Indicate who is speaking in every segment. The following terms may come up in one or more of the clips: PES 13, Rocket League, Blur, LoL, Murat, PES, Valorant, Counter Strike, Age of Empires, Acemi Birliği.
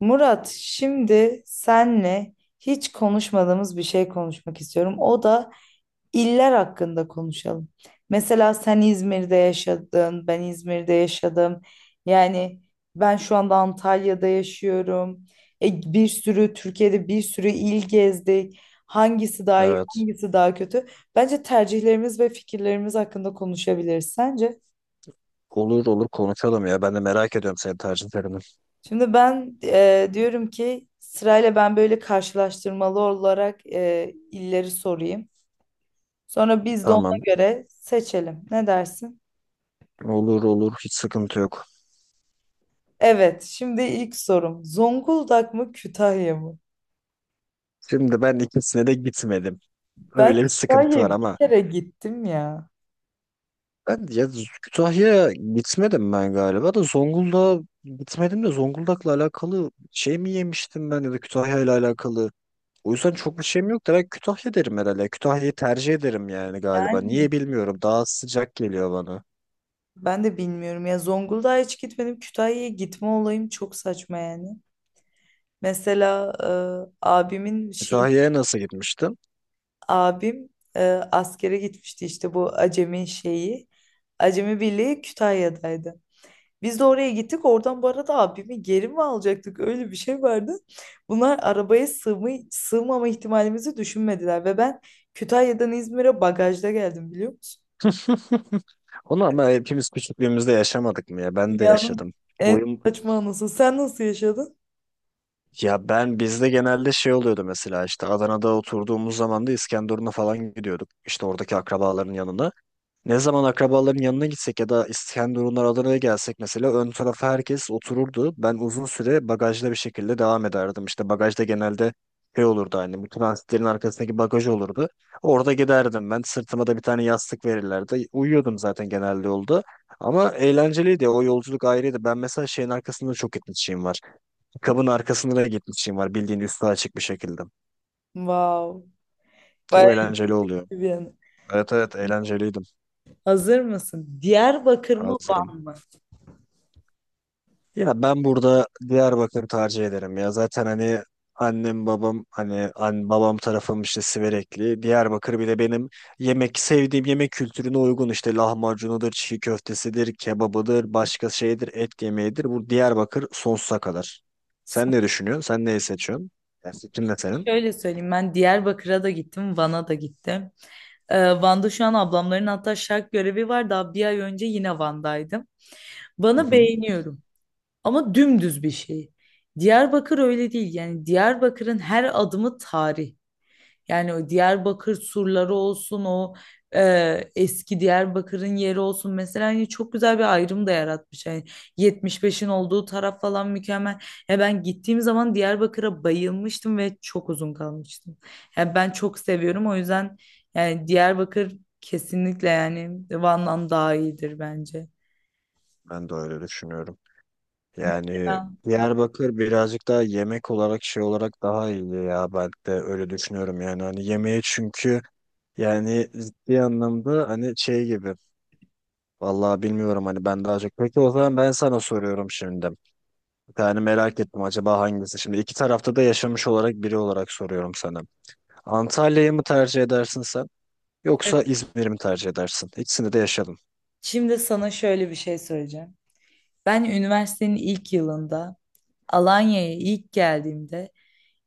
Speaker 1: Murat, şimdi senle hiç konuşmadığımız bir şey konuşmak istiyorum. O da iller hakkında konuşalım. Mesela sen İzmir'de yaşadın, ben İzmir'de yaşadım. Yani ben şu anda Antalya'da yaşıyorum. Bir sürü Türkiye'de bir sürü il gezdik. Hangisi daha iyi,
Speaker 2: Evet.
Speaker 1: hangisi daha kötü? Bence tercihlerimiz ve fikirlerimiz hakkında konuşabiliriz. Sence?
Speaker 2: Olur konuşalım ya. Ben de merak ediyorum senin tercihlerini.
Speaker 1: Şimdi ben diyorum ki sırayla ben böyle karşılaştırmalı olarak illeri sorayım. Sonra biz de ona
Speaker 2: Tamam.
Speaker 1: göre seçelim. Ne dersin?
Speaker 2: Olur. Hiç sıkıntı yok.
Speaker 1: Evet, şimdi ilk sorum. Zonguldak mı Kütahya mı?
Speaker 2: Şimdi ben ikisine de gitmedim.
Speaker 1: Ben
Speaker 2: Öyle bir sıkıntı var
Speaker 1: Kütahya'ya bir
Speaker 2: ama
Speaker 1: kere gittim ya.
Speaker 2: ben ya Kütahya'ya gitmedim ben galiba da Zonguldak'a gitmedim de Zonguldak'la alakalı şey mi yemiştim ben ya da Kütahya'yla alakalı. O yüzden çok bir şeyim yok da ben Kütahya derim herhalde. Kütahya'yı tercih ederim yani galiba.
Speaker 1: Yani
Speaker 2: Niye bilmiyorum. Daha sıcak geliyor bana.
Speaker 1: ben de bilmiyorum ya, Zonguldak'a hiç gitmedim. Kütahya'ya gitme olayım çok saçma yani. Mesela e, abimin şey
Speaker 2: Kütahya'ya nasıl gitmiştin?
Speaker 1: abim askere gitmişti, işte bu Acemi şeyi. Acemi Birliği Kütahya'daydı. Biz de oraya gittik. Oradan bu arada abimi geri mi alacaktık? Öyle bir şey vardı. Bunlar arabaya sığma, sığmama ihtimalimizi düşünmediler. Ve ben Kütahya'dan İzmir'e bagajda geldim, biliyor musun?
Speaker 2: Onu ama hepimiz küçüklüğümüzde yaşamadık mı ya? Ben de
Speaker 1: Dünyanın
Speaker 2: yaşadım. Boyum
Speaker 1: saçma anası. Sen nasıl yaşadın?
Speaker 2: ya ben bizde genelde şey oluyordu mesela işte Adana'da oturduğumuz zaman da İskenderun'a falan gidiyorduk. İşte oradaki akrabaların yanına. Ne zaman akrabaların yanına gitsek ya da İskenderunlar Adana'ya gelsek mesela ön tarafa herkes otururdu. Ben uzun süre bagajda bir şekilde devam ederdim. İşte bagajda genelde şey olurdu hani bu transitlerin arkasındaki bagaj olurdu. Orada giderdim ben. Sırtıma da bir tane yastık verirlerdi. Uyuyordum zaten genelde yolda. Ama eğlenceliydi. O yolculuk ayrıydı. Ben mesela şeyin arkasında çok gitmişliğim var. Kabın arkasında da gitmişliğim var. Bildiğin üstü açık bir şekilde.
Speaker 1: Wow. Bayağı
Speaker 2: Çok eğlenceli oluyor.
Speaker 1: iyi bir anı.
Speaker 2: Evet evet eğlenceliydim.
Speaker 1: Hazır mısın? Diyarbakır mı
Speaker 2: Hazırım.
Speaker 1: Van mı?
Speaker 2: Ya ben burada Diyarbakır tercih ederim ya. Zaten hani annem babam hani babam tarafım işte Siverekli. Diyarbakır bir de benim yemek sevdiğim yemek kültürüne uygun işte lahmacunudur, çiğ köftesidir, kebabıdır, başka şeydir, et yemeğidir. Bu Diyarbakır sonsuza kadar. Sen ne düşünüyorsun? Sen neyi seçiyorsun? Ya fikrin ne senin?
Speaker 1: Şöyle söyleyeyim, ben Diyarbakır'a da gittim, Van'a da gittim. Van'da şu an ablamların hatta şark görevi var. Daha bir ay önce yine Van'daydım.
Speaker 2: Hı
Speaker 1: Van'ı
Speaker 2: hı.
Speaker 1: beğeniyorum ama dümdüz bir şey. Diyarbakır öyle değil. Yani Diyarbakır'ın her adımı tarih. Yani o Diyarbakır surları olsun, o eski Diyarbakır'ın yeri olsun, mesela hani çok güzel bir ayrım da yaratmış. Yani 75'in olduğu taraf falan mükemmel. Ya ben gittiğim zaman Diyarbakır'a bayılmıştım ve çok uzun kalmıştım. Yani ben çok seviyorum, o yüzden yani Diyarbakır kesinlikle yani Van'dan daha iyidir bence.
Speaker 2: Ben de öyle düşünüyorum. Yani
Speaker 1: Mesela,
Speaker 2: Diyarbakır birazcık daha yemek olarak şey olarak daha iyi ya ben de öyle düşünüyorum yani hani yemeği çünkü yani ciddi anlamda hani şey gibi. Vallahi bilmiyorum hani ben daha çok. Peki o zaman ben sana soruyorum şimdi. Yani merak ettim acaba hangisi? Şimdi iki tarafta da yaşamış olarak biri olarak soruyorum sana. Antalya'yı mı tercih edersin sen? Yoksa
Speaker 1: evet,
Speaker 2: İzmir'i mi tercih edersin? İkisini de yaşadım.
Speaker 1: şimdi sana şöyle bir şey söyleyeceğim. Ben üniversitenin ilk yılında Alanya'ya ilk geldiğimde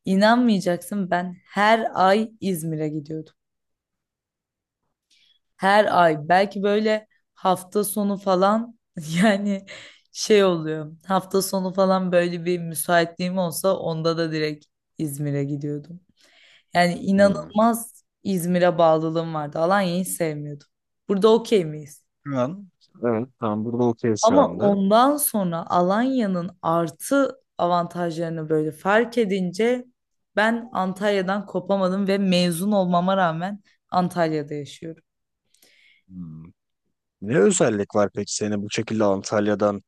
Speaker 1: inanmayacaksın, ben her ay İzmir'e gidiyordum. Her ay belki böyle hafta sonu falan yani şey oluyor. Hafta sonu falan böyle bir müsaitliğim olsa onda da direkt İzmir'e gidiyordum. Yani
Speaker 2: Hmm.
Speaker 1: inanılmaz İzmir'e bağlılığım vardı. Alanya'yı sevmiyordum. Burada okey miyiz?
Speaker 2: Şu an evet. Tam burada okey şu
Speaker 1: Ama
Speaker 2: anda.
Speaker 1: ondan sonra Alanya'nın artı avantajlarını böyle fark edince ben Antalya'dan kopamadım ve mezun olmama rağmen Antalya'da yaşıyorum.
Speaker 2: Hmm. Ne özellik var peki seni bu şekilde Antalya'dan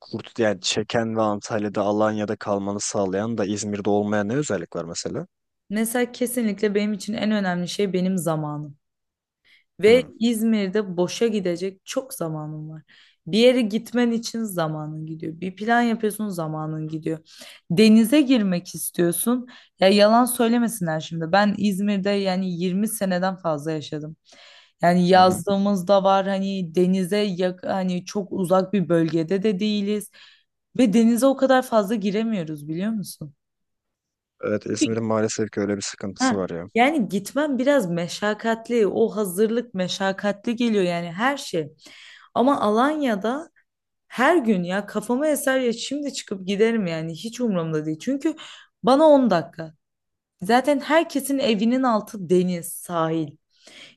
Speaker 2: kurt yani çeken ve Antalya'da Alanya'da kalmanı sağlayan da İzmir'de olmayan ne özellik var mesela?
Speaker 1: Mesela kesinlikle benim için en önemli şey benim zamanım. Ve
Speaker 2: Hmm.
Speaker 1: İzmir'de boşa gidecek çok zamanın var. Bir yere gitmen için zamanın gidiyor. Bir plan yapıyorsun, zamanın gidiyor. Denize girmek istiyorsun. Ya yalan söylemesinler şimdi. Ben İzmir'de yani 20 seneden fazla yaşadım. Yani
Speaker 2: Hı hı.
Speaker 1: yazlığımız da var, hani denize yak, hani çok uzak bir bölgede de değiliz. Ve denize o kadar fazla giremiyoruz, biliyor musun?
Speaker 2: Evet, İzmir'in maalesef ki öyle bir sıkıntısı
Speaker 1: Ha,
Speaker 2: var ya.
Speaker 1: yani gitmem biraz meşakkatli. O hazırlık meşakkatli geliyor yani, her şey. Ama Alanya'da her gün ya kafama eser ya şimdi çıkıp giderim yani, hiç umurumda değil. Çünkü bana 10 dakika. Zaten herkesin evinin altı deniz, sahil.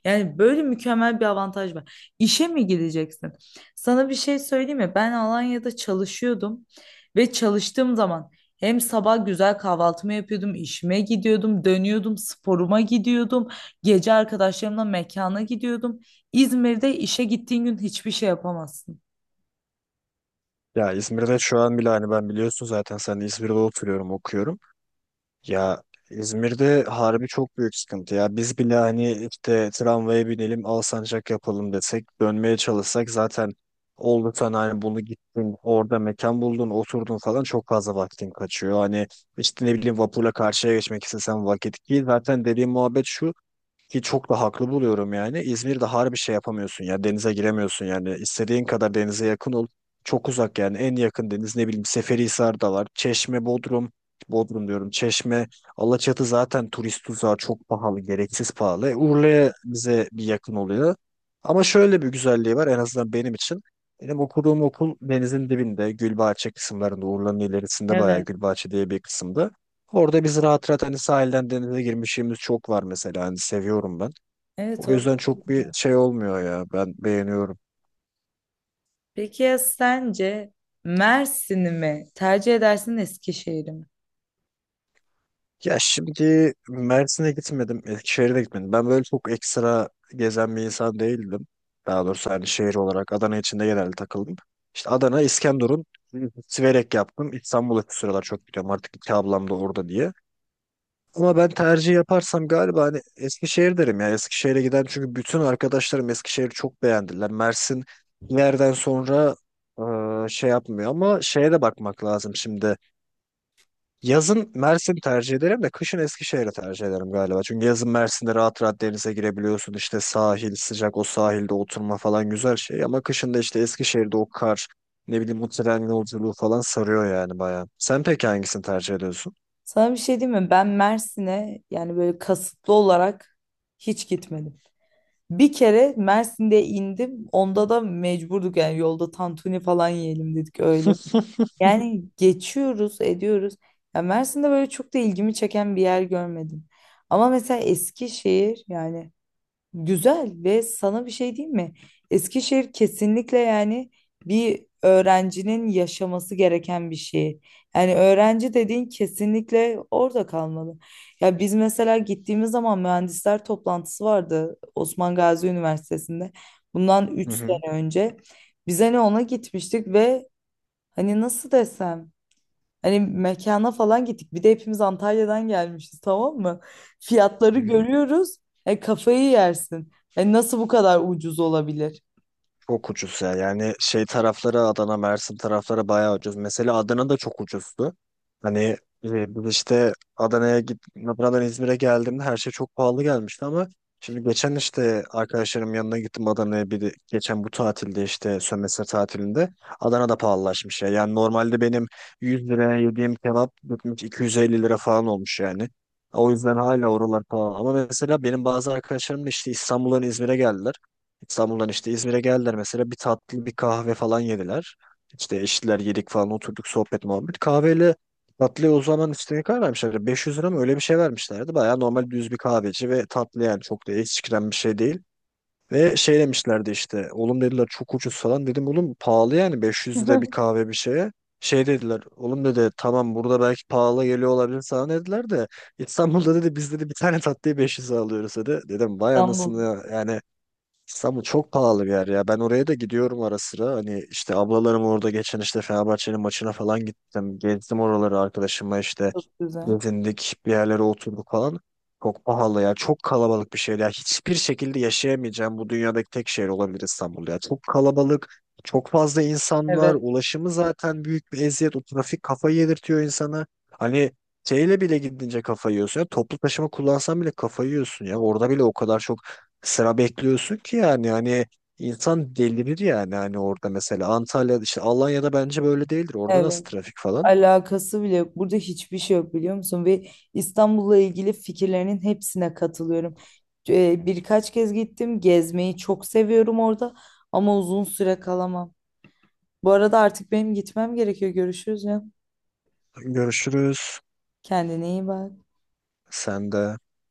Speaker 1: Yani böyle mükemmel bir avantaj var. İşe mi gideceksin? Sana bir şey söyleyeyim mi? Ben Alanya'da çalışıyordum ve çalıştığım zaman hem sabah güzel kahvaltımı yapıyordum, işime gidiyordum, dönüyordum, sporuma gidiyordum, gece arkadaşlarımla mekana gidiyordum. İzmir'de işe gittiğin gün hiçbir şey yapamazsın.
Speaker 2: Ya İzmir'de şu an bile hani ben biliyorsun zaten sen de İzmir'de oturuyorum okuyorum. Ya İzmir'de harbi çok büyük sıkıntı ya. Biz bile hani işte tramvaya binelim Alsancak yapalım desek dönmeye çalışsak zaten oldu sen hani bunu gittin orada mekan buldun oturdun falan çok fazla vaktin kaçıyor. Hani işte ne bileyim vapurla karşıya geçmek istesen vakit ki zaten dediğim muhabbet şu ki çok da haklı buluyorum yani. İzmir'de harbi şey yapamıyorsun ya. Denize giremiyorsun yani. İstediğin kadar denize yakın ol. Çok uzak yani. En yakın deniz ne bileyim Seferihisar'da var. Çeşme, Bodrum. Bodrum diyorum. Çeşme, Alaçatı zaten turist tuzağı çok pahalı. Gereksiz pahalı. Urla'ya bize bir yakın oluyor. Ama şöyle bir güzelliği var en azından benim için. Benim okuduğum okul denizin dibinde Gülbahçe kısımlarında Urla'nın ilerisinde bayağı
Speaker 1: Evet.
Speaker 2: Gülbahçe diye bir kısımda. Orada biz rahat rahat hani sahilden denize girmişliğimiz çok var mesela hani seviyorum ben.
Speaker 1: Evet,
Speaker 2: O
Speaker 1: orası
Speaker 2: yüzden çok bir
Speaker 1: güzel.
Speaker 2: şey olmuyor ya ben beğeniyorum.
Speaker 1: Peki ya sence Mersin'i mi tercih edersin Eskişehir'i mi?
Speaker 2: Ya şimdi Mersin'e gitmedim, Eskişehir'e de gitmedim. Ben böyle çok ekstra gezen bir insan değildim. Daha doğrusu hani şehir olarak Adana içinde genelde takıldım. İşte Adana, İskenderun, Siverek yaptım. İstanbul'a şu sıralar çok gidiyorum artık iki ablam da orada diye. Ama ben tercih yaparsam galiba hani Eskişehir derim ya. Eskişehir'e giden çünkü bütün arkadaşlarım Eskişehir'i çok beğendiler. Mersin bir yerden sonra şey yapmıyor ama şeye de bakmak lazım şimdi. Yazın Mersin tercih ederim de kışın Eskişehir'i tercih ederim galiba. Çünkü yazın Mersin'de rahat rahat denize girebiliyorsun. İşte sahil sıcak o sahilde oturma falan güzel şey. Ama kışın da işte Eskişehir'de o kar ne bileyim o tren yolculuğu falan sarıyor yani bayağı. Sen peki hangisini tercih ediyorsun?
Speaker 1: Sana bir şey diyeyim mi? Ben Mersin'e yani böyle kasıtlı olarak hiç gitmedim. Bir kere Mersin'de indim. Onda da mecburduk yani, yolda tantuni falan yiyelim dedik öyle. Yani geçiyoruz, ediyoruz. Ya Mersin'de böyle çok da ilgimi çeken bir yer görmedim. Ama mesela Eskişehir yani güzel, ve sana bir şey diyeyim mi? Eskişehir kesinlikle yani bir öğrencinin yaşaması gereken bir şey. Yani öğrenci dediğin kesinlikle orada kalmalı. Ya biz mesela gittiğimiz zaman mühendisler toplantısı vardı Osman Gazi Üniversitesi'nde. Bundan
Speaker 2: Hı
Speaker 1: üç
Speaker 2: hı.
Speaker 1: sene önce. Biz hani ona gitmiştik ve hani nasıl desem, hani mekana falan gittik. Bir de hepimiz Antalya'dan gelmişiz, tamam mı? Fiyatları
Speaker 2: Hı hı.
Speaker 1: görüyoruz. Kafayı yersin. Nasıl bu kadar ucuz olabilir?
Speaker 2: Çok ucuz ya. Yani şey taraflara Adana, Mersin taraflara bayağı ucuz. Mesela Adana da çok ucuzdu. Hani biz işte Adana'ya git, Adana'dan İzmir'e geldiğimde her şey çok pahalı gelmişti ama şimdi geçen işte arkadaşlarım yanına gittim Adana'ya bir de- geçen bu tatilde işte sömestr tatilinde Adana'da pahalılaşmış ya. Yani normalde benim 100 liraya yediğim kebap gitmiş 250 lira falan olmuş yani. O yüzden hala oralar pahalı. Ama mesela benim bazı arkadaşlarım da işte İstanbul'dan İzmir'e geldiler. İstanbul'dan işte İzmir'e geldiler mesela bir tatlı bir kahve falan yediler. İşte eşitler yedik falan oturduk sohbet muhabbet. Kahveyle tatlıya o zaman işte ne kadar vermişlerdi? 500 lira mı öyle bir şey vermişlerdi. Baya normal düz bir kahveci ve tatlı yani çok da eksikten bir şey değil. Ve şey demişlerdi işte oğlum dediler çok ucuz falan dedim oğlum pahalı yani 500 lira bir kahve bir şeye. Şey dediler oğlum dedi tamam burada belki pahalı geliyor olabilir sana dediler de İstanbul'da dedi biz dedi bir tane tatlıyı 500'e alıyoruz dedi. Dedim vay
Speaker 1: İstanbul
Speaker 2: anasını ya. Yani İstanbul çok pahalı bir yer ya. Ben oraya da gidiyorum ara sıra. Hani işte ablalarım orada geçen işte Fenerbahçe'nin maçına falan gittim. Gezdim oraları arkadaşımla işte
Speaker 1: çok güzel.
Speaker 2: gezindik bir yerlere oturduk falan. Çok pahalı ya. Çok kalabalık bir şehir ya. Hiçbir şekilde yaşayamayacağım bu dünyadaki tek şehir olabilir İstanbul ya. Çok kalabalık. Çok fazla insan var.
Speaker 1: Evet,
Speaker 2: Ulaşımı zaten büyük bir eziyet. O trafik kafayı yedirtiyor insana. Hani şeyle bile gidince kafayı yiyorsun ya. Toplu taşıma kullansan bile kafayı yiyorsun ya. Orada bile o kadar çok sıra bekliyorsun ki yani hani insan delirir yani hani orada mesela Antalya'da işte Alanya'da bence böyle değildir. Orada nasıl
Speaker 1: evet.
Speaker 2: trafik falan?
Speaker 1: Alakası bile yok. Burada hiçbir şey yok, biliyor musun? Ve İstanbul'la ilgili fikirlerinin hepsine katılıyorum. Birkaç kez gittim. Gezmeyi çok seviyorum orada ama uzun süre kalamam. Bu arada artık benim gitmem gerekiyor. Görüşürüz ya.
Speaker 2: Görüşürüz.
Speaker 1: Kendine iyi bak.
Speaker 2: Sen de.